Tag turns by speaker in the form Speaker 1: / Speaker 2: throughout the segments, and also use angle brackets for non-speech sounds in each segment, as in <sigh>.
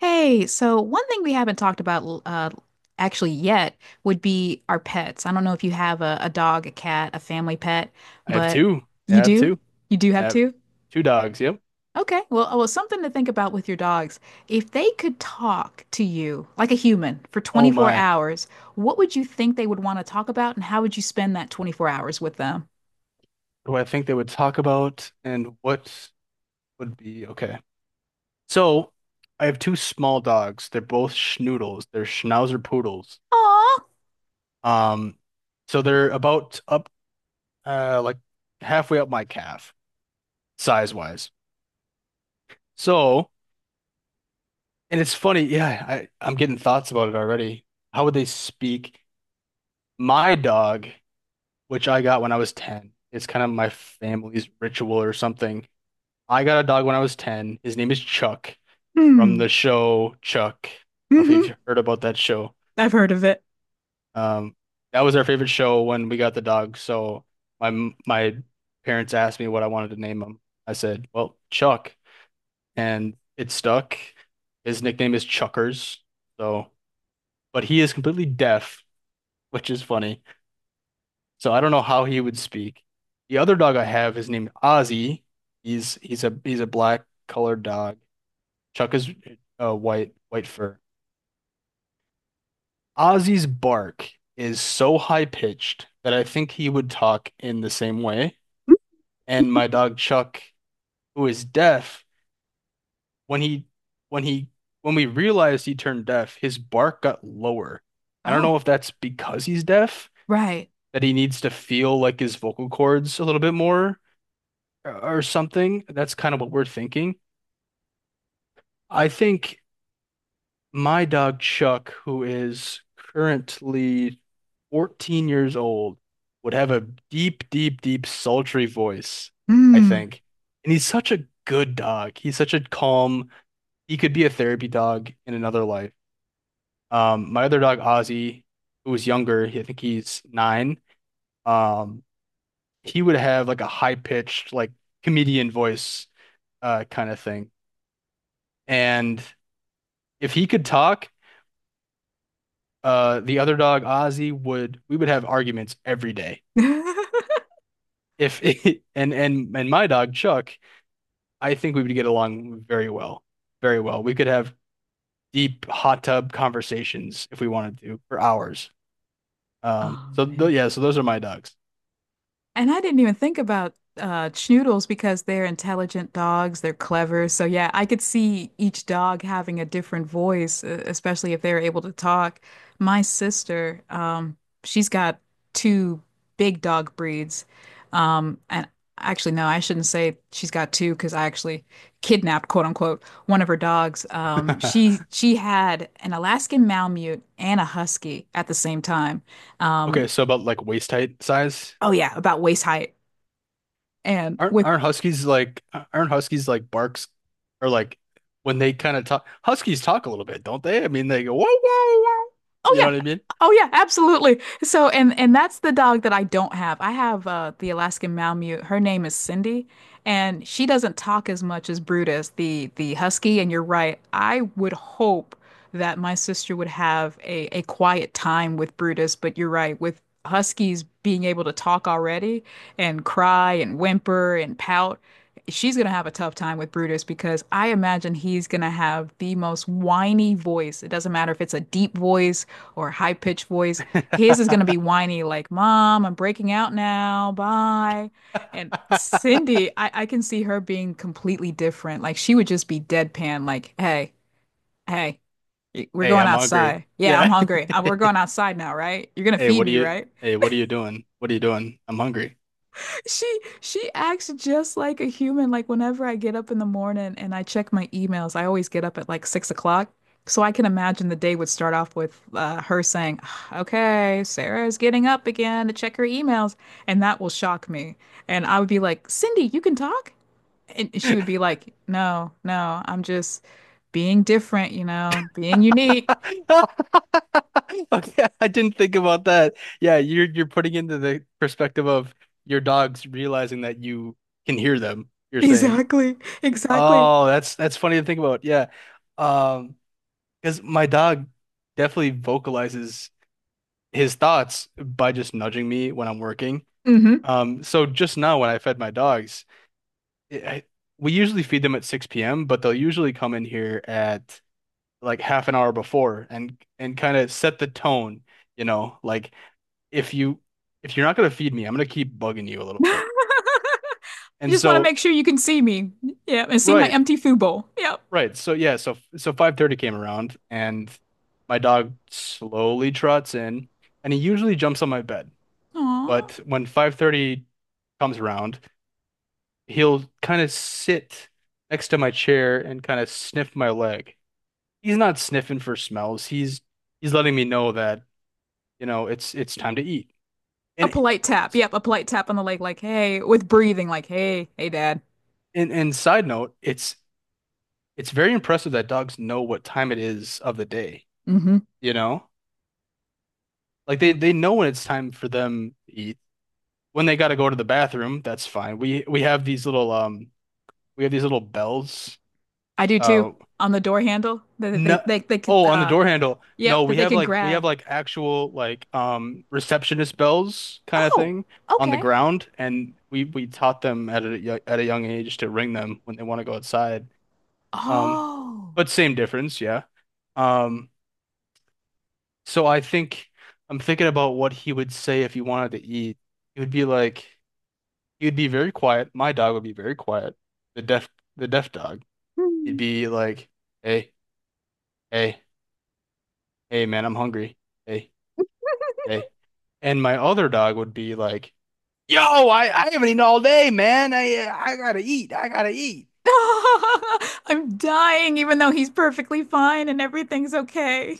Speaker 1: Hey, so one thing we haven't talked about actually yet would be our pets. I don't know if you have a dog, a cat, a family pet,
Speaker 2: I have
Speaker 1: but
Speaker 2: two. Yeah,
Speaker 1: you
Speaker 2: I have
Speaker 1: do?
Speaker 2: two.
Speaker 1: You do
Speaker 2: I
Speaker 1: have
Speaker 2: have
Speaker 1: two?
Speaker 2: two dogs. Yep.
Speaker 1: Okay. Well, oh, well, something to think about with your dogs. If they could talk to you like a human for
Speaker 2: Oh
Speaker 1: 24
Speaker 2: my.
Speaker 1: hours, what would you think they would want to talk about, and how would you spend that 24 hours with them?
Speaker 2: What do I think they would talk about and what would be okay? So I have two small dogs. They're both schnoodles. They're schnauzer poodles.
Speaker 1: Aw.
Speaker 2: Um, so they're about up like halfway up my calf, size wise. So, and it's funny, yeah, I'm getting thoughts about it already. How would they speak? My dog, which I got when I was 10, it's kind of my family's ritual or something. I got a dog when I was 10. His name is Chuck from
Speaker 1: Hmm.
Speaker 2: the show Chuck. I don't know
Speaker 1: hmm
Speaker 2: if you've heard about that show.
Speaker 1: I've heard of it.
Speaker 2: Um, that was our favorite show when we got the dog. So my parents asked me what I wanted to name him. I said, "Well, Chuck," and it stuck. His nickname is Chuckers. So, but he is completely deaf, which is funny. So I don't know how he would speak. The other dog I have is named Ozzy. He's a black colored dog. Chuck is white, white fur. Ozzy's bark is so high pitched that I think he would talk in the same way. And my dog Chuck, who is deaf, when he when he when we realized he turned deaf, his bark got lower. I don't know
Speaker 1: Oh,
Speaker 2: if that's because he's deaf,
Speaker 1: right.
Speaker 2: that he needs to feel like his vocal cords a little bit more or something. That's kind of what we're thinking. I think my dog Chuck, who is currently 14 years old, would have a deep, deep, deep, sultry voice, I
Speaker 1: Hmm.
Speaker 2: think. And he's such a good dog. He's such a calm, he could be a therapy dog in another life. My other dog, Ozzy, who was younger, he I think he's 9. Um, he would have like a high-pitched, like comedian voice, kind of thing. And if he could talk, the other dog Ozzy would we would have arguments every day.
Speaker 1: <laughs>
Speaker 2: If <laughs> and my dog Chuck, I think we would get along very well. Very well. We could have deep hot tub conversations if we wanted to for hours. Um
Speaker 1: Oh,
Speaker 2: so th
Speaker 1: man.
Speaker 2: yeah, so those are my dogs. <laughs>
Speaker 1: And I didn't even think about schnoodles because they're intelligent dogs, they're clever. So yeah, I could see each dog having a different voice, especially if they're able to talk. My sister, she's got two big dog breeds. And actually no, I shouldn't say she's got two because I actually kidnapped, quote unquote, one of her dogs. She had an Alaskan Malamute and a Husky at the same time. Um,
Speaker 2: Okay, so about like waist height size.
Speaker 1: oh yeah, about waist height. And
Speaker 2: Aren't
Speaker 1: with.
Speaker 2: aren't huskies like barks or like when they kind of talk, huskies talk a little bit, don't they? I mean they go whoa, whoa, whoa.
Speaker 1: Oh
Speaker 2: You
Speaker 1: yeah.
Speaker 2: know
Speaker 1: Oh yeah, absolutely. So and that's the dog that I don't have. I have the Alaskan Malamute. Her name is Cindy, and she doesn't talk as much as Brutus, the husky, and you're right. I would hope that my sister would have a quiet time with Brutus, but you're right, with huskies being able to talk already and cry and whimper and pout, she's gonna have a tough time with Brutus because I imagine he's gonna have the most whiny voice. It doesn't matter if it's a deep voice or high pitched voice.
Speaker 2: what
Speaker 1: His is going to
Speaker 2: I
Speaker 1: be whiny, like, Mom, I'm breaking out now. Bye. And
Speaker 2: mean? <laughs>
Speaker 1: Cindy, I can see her being completely different. Like, she would just be deadpan, like, Hey, hey, we're
Speaker 2: Hey,
Speaker 1: going
Speaker 2: I'm hungry.
Speaker 1: outside. Yeah, I'm
Speaker 2: Yeah.
Speaker 1: hungry. We're going
Speaker 2: <laughs>
Speaker 1: outside now, right? You're going to
Speaker 2: Hey,
Speaker 1: feed
Speaker 2: what are
Speaker 1: me,
Speaker 2: you?
Speaker 1: right?
Speaker 2: Hey, what are you doing? What are you doing? I'm hungry.
Speaker 1: She acts just like a human. Like whenever I get up in the morning and I check my emails, I always get up at like 6 o'clock. So I can imagine the day would start off with her saying, "Ah, Okay, Sarah is getting up again to check her emails," and that will shock me. And I would be like, "Cindy, you can talk?" And she would
Speaker 2: <laughs>
Speaker 1: be like, "No, no, I'm just being different, you know, being unique." <laughs>
Speaker 2: Okay, I didn't think about that. Yeah, you're putting into the perspective of your dogs realizing that you can hear them, you're saying.
Speaker 1: Exactly, exactly.
Speaker 2: Oh, that's funny to think about. Yeah. Um, because my dog definitely vocalizes his thoughts by just nudging me when I'm working.
Speaker 1: hmm
Speaker 2: So just now when I fed my dogs, it- I, we usually feed them at 6 p.m., but they'll usually come in here at like half an hour before and kind of set the tone, you know, like if you if you're not gonna feed me, I'm gonna keep bugging you a
Speaker 1: <laughs>
Speaker 2: little bit.
Speaker 1: You
Speaker 2: And
Speaker 1: just want to
Speaker 2: so,
Speaker 1: make sure you can see me. Yeah, and see my
Speaker 2: right,
Speaker 1: empty food bowl. Yep.
Speaker 2: right. So yeah, so 5:30 came around and my dog slowly trots in and he usually jumps on my bed.
Speaker 1: Aw.
Speaker 2: But when 5:30 comes around, he'll kind of sit next to my chair and kind of sniff my leg. He's not sniffing for smells. He's letting me know that, you know, it's time to eat.
Speaker 1: A
Speaker 2: And
Speaker 1: polite tap. Yep, a polite tap on the leg, like, hey, with breathing, like, hey, hey, dad.
Speaker 2: side note, it's very impressive that dogs know what time it is of the day,
Speaker 1: Mm-hmm.
Speaker 2: you know? Like
Speaker 1: They-
Speaker 2: they know when it's time for them to eat. When they got to go to the bathroom, that's fine. We have these little bells.
Speaker 1: I do too.
Speaker 2: Uh,
Speaker 1: On the door handle that they,
Speaker 2: no,
Speaker 1: they, they, can,
Speaker 2: oh, on the door handle. No,
Speaker 1: yep, that they can
Speaker 2: we have
Speaker 1: grab.
Speaker 2: like actual like receptionist bells kind of
Speaker 1: Oh,
Speaker 2: thing on the
Speaker 1: okay.
Speaker 2: ground, and we taught them at a young age to ring them when they want to go outside. Um,
Speaker 1: Oh.
Speaker 2: but same difference, yeah. Um, so I think I'm thinking about what he would say if he wanted to eat. He would be like he would be very quiet. My dog would be very quiet. The deaf the deaf dog. He'd
Speaker 1: Hmm.
Speaker 2: be like, hey, hey, hey, man, I'm hungry. Hey. Okay. And my other dog would be like, "Yo, I haven't eaten all day, man. I gotta eat. I gotta eat."
Speaker 1: <laughs> I'm dying, even though he's perfectly fine and everything's okay.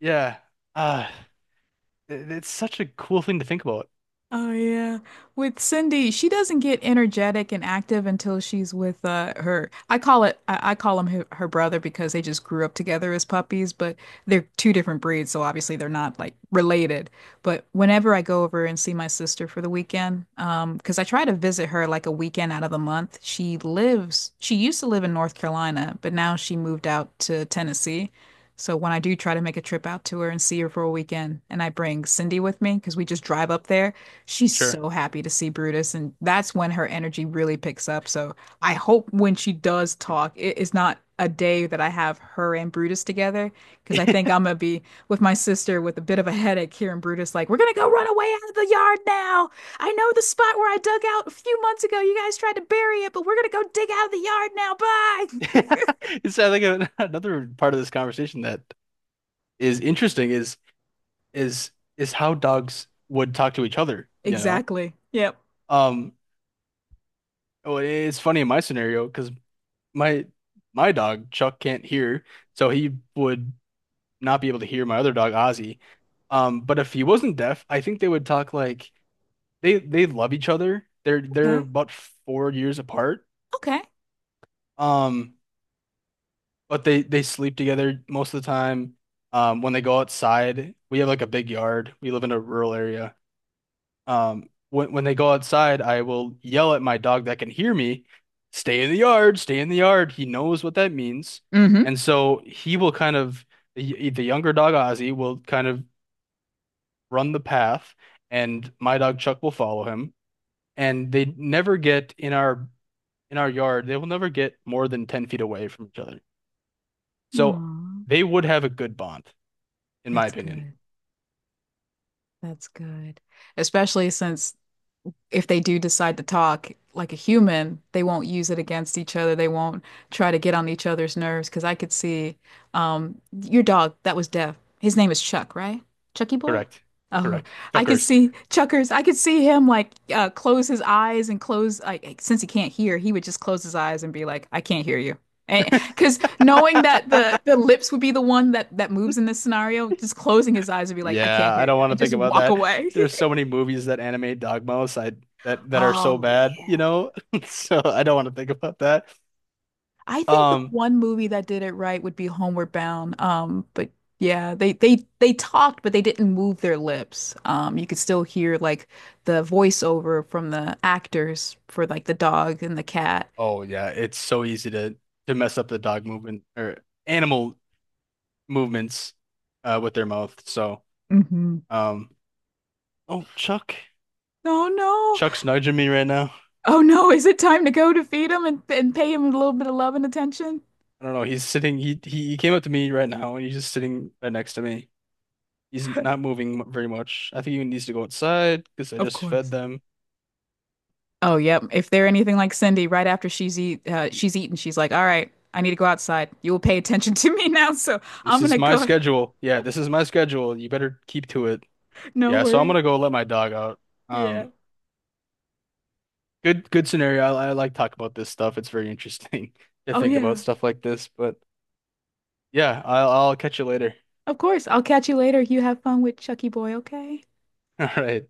Speaker 2: Yeah. Uh, it's such a cool thing to think about.
Speaker 1: Oh yeah. With Cindy, she doesn't get energetic and active until she's with her. I call him her brother because they just grew up together as puppies, but they're two different breeds, so obviously they're not like related. But whenever I go over and see my sister for the weekend, because I try to visit her like a weekend out of the month, she used to live in North Carolina, but now she moved out to Tennessee. So when I do try to make a trip out to her and see her for a weekend, and I bring Cindy with me because we just drive up there, she's
Speaker 2: Sure.
Speaker 1: so happy to see Brutus, and that's when her energy really picks up. So I hope when she does talk, it is not a day that I have her and Brutus together because I think I'm
Speaker 2: <laughs>
Speaker 1: gonna be with my sister with a bit of a headache here, and Brutus like, we're gonna go run away out of the yard now. I know the spot where I dug out a few months ago. You guys tried to bury it, but we're gonna go dig out of the yard now. Bye. <laughs>
Speaker 2: It's I think another part of this conversation that is interesting is is how dogs would talk to each other, you know?
Speaker 1: Exactly. Yep.
Speaker 2: Um, oh, it's funny in my scenario because my my dog Chuck can't hear, so he would not be able to hear my other dog, Ozzy. But if he wasn't deaf, I think they would talk like they love each other. They're
Speaker 1: Okay.
Speaker 2: about 4 years apart.
Speaker 1: Okay.
Speaker 2: Um, but they sleep together most of the time. When they go outside, we have like a big yard. We live in a rural area. When they go outside, I will yell at my dog that can hear me, stay in the yard, stay in the yard. He knows what that means.
Speaker 1: Mm-hmm.
Speaker 2: And so he will kind of the younger dog Ozzy will kind of run the path, and my dog Chuck will follow him. And they never get in our yard. They will never get more than 10 feet away from each other. So
Speaker 1: Aw,
Speaker 2: they would have a good bond, in my
Speaker 1: that's
Speaker 2: opinion.
Speaker 1: good. That's good. Especially since if they do decide to talk like a human, they won't use it against each other. They won't try to get on each other's nerves. Because I could see your dog that was deaf. His name is Chuck, right? Chucky Boy?
Speaker 2: Correct.
Speaker 1: Oh,
Speaker 2: Correct.
Speaker 1: I could
Speaker 2: Chuckers.
Speaker 1: see Chuckers. I could see him like close his eyes and close like since he can't hear, he would just close his eyes and be like, "I can't hear you." Because knowing that the
Speaker 2: <laughs>
Speaker 1: the lips would be the one that moves in this scenario, just closing his eyes would be like, "I can't
Speaker 2: Yeah, I
Speaker 1: hear
Speaker 2: don't
Speaker 1: you,"
Speaker 2: want
Speaker 1: and
Speaker 2: to think
Speaker 1: just
Speaker 2: about
Speaker 1: walk
Speaker 2: that.
Speaker 1: away.
Speaker 2: There's
Speaker 1: <laughs>
Speaker 2: so many movies that animate dogmos. I That that are so
Speaker 1: Oh,
Speaker 2: bad, you
Speaker 1: yeah.
Speaker 2: know. <laughs> So I don't want to think about that.
Speaker 1: I think the
Speaker 2: Um,
Speaker 1: one movie that did it right would be Homeward Bound. But yeah, they talked, but they didn't move their lips. You could still hear like the voiceover from the actors for like the dog and the cat.
Speaker 2: oh yeah, it's so easy to mess up the dog movement or animal movements, with their mouth. So,
Speaker 1: hmm
Speaker 2: um, oh, Chuck,
Speaker 1: Oh no.
Speaker 2: Chuck's nudging me right now.
Speaker 1: Oh no, is it time to go to feed him and pay him a little bit of love and attention?
Speaker 2: I don't know. He's sitting. He came up to me right now, and he's just sitting right next to me. He's not moving very much. I think he needs to go outside because I
Speaker 1: Of
Speaker 2: just fed
Speaker 1: course.
Speaker 2: them.
Speaker 1: Oh yep. If they're anything like Cindy, right after she's eaten, she's like, "All right, I need to go outside. You will pay attention to me <laughs> now, so I'm
Speaker 2: This is
Speaker 1: gonna
Speaker 2: my
Speaker 1: go." <laughs>
Speaker 2: schedule. Yeah, this is my schedule. You better keep to it.
Speaker 1: No
Speaker 2: Yeah, so I'm
Speaker 1: worries.
Speaker 2: gonna go let my dog out.
Speaker 1: Yeah.
Speaker 2: Um, good scenario. I like talk about this stuff. It's very interesting <laughs> to
Speaker 1: Oh,
Speaker 2: think about
Speaker 1: yeah.
Speaker 2: stuff like this. But yeah, I'll catch you later. <laughs>
Speaker 1: Of course. I'll catch you later. You have fun with Chucky Boy, okay?
Speaker 2: All right.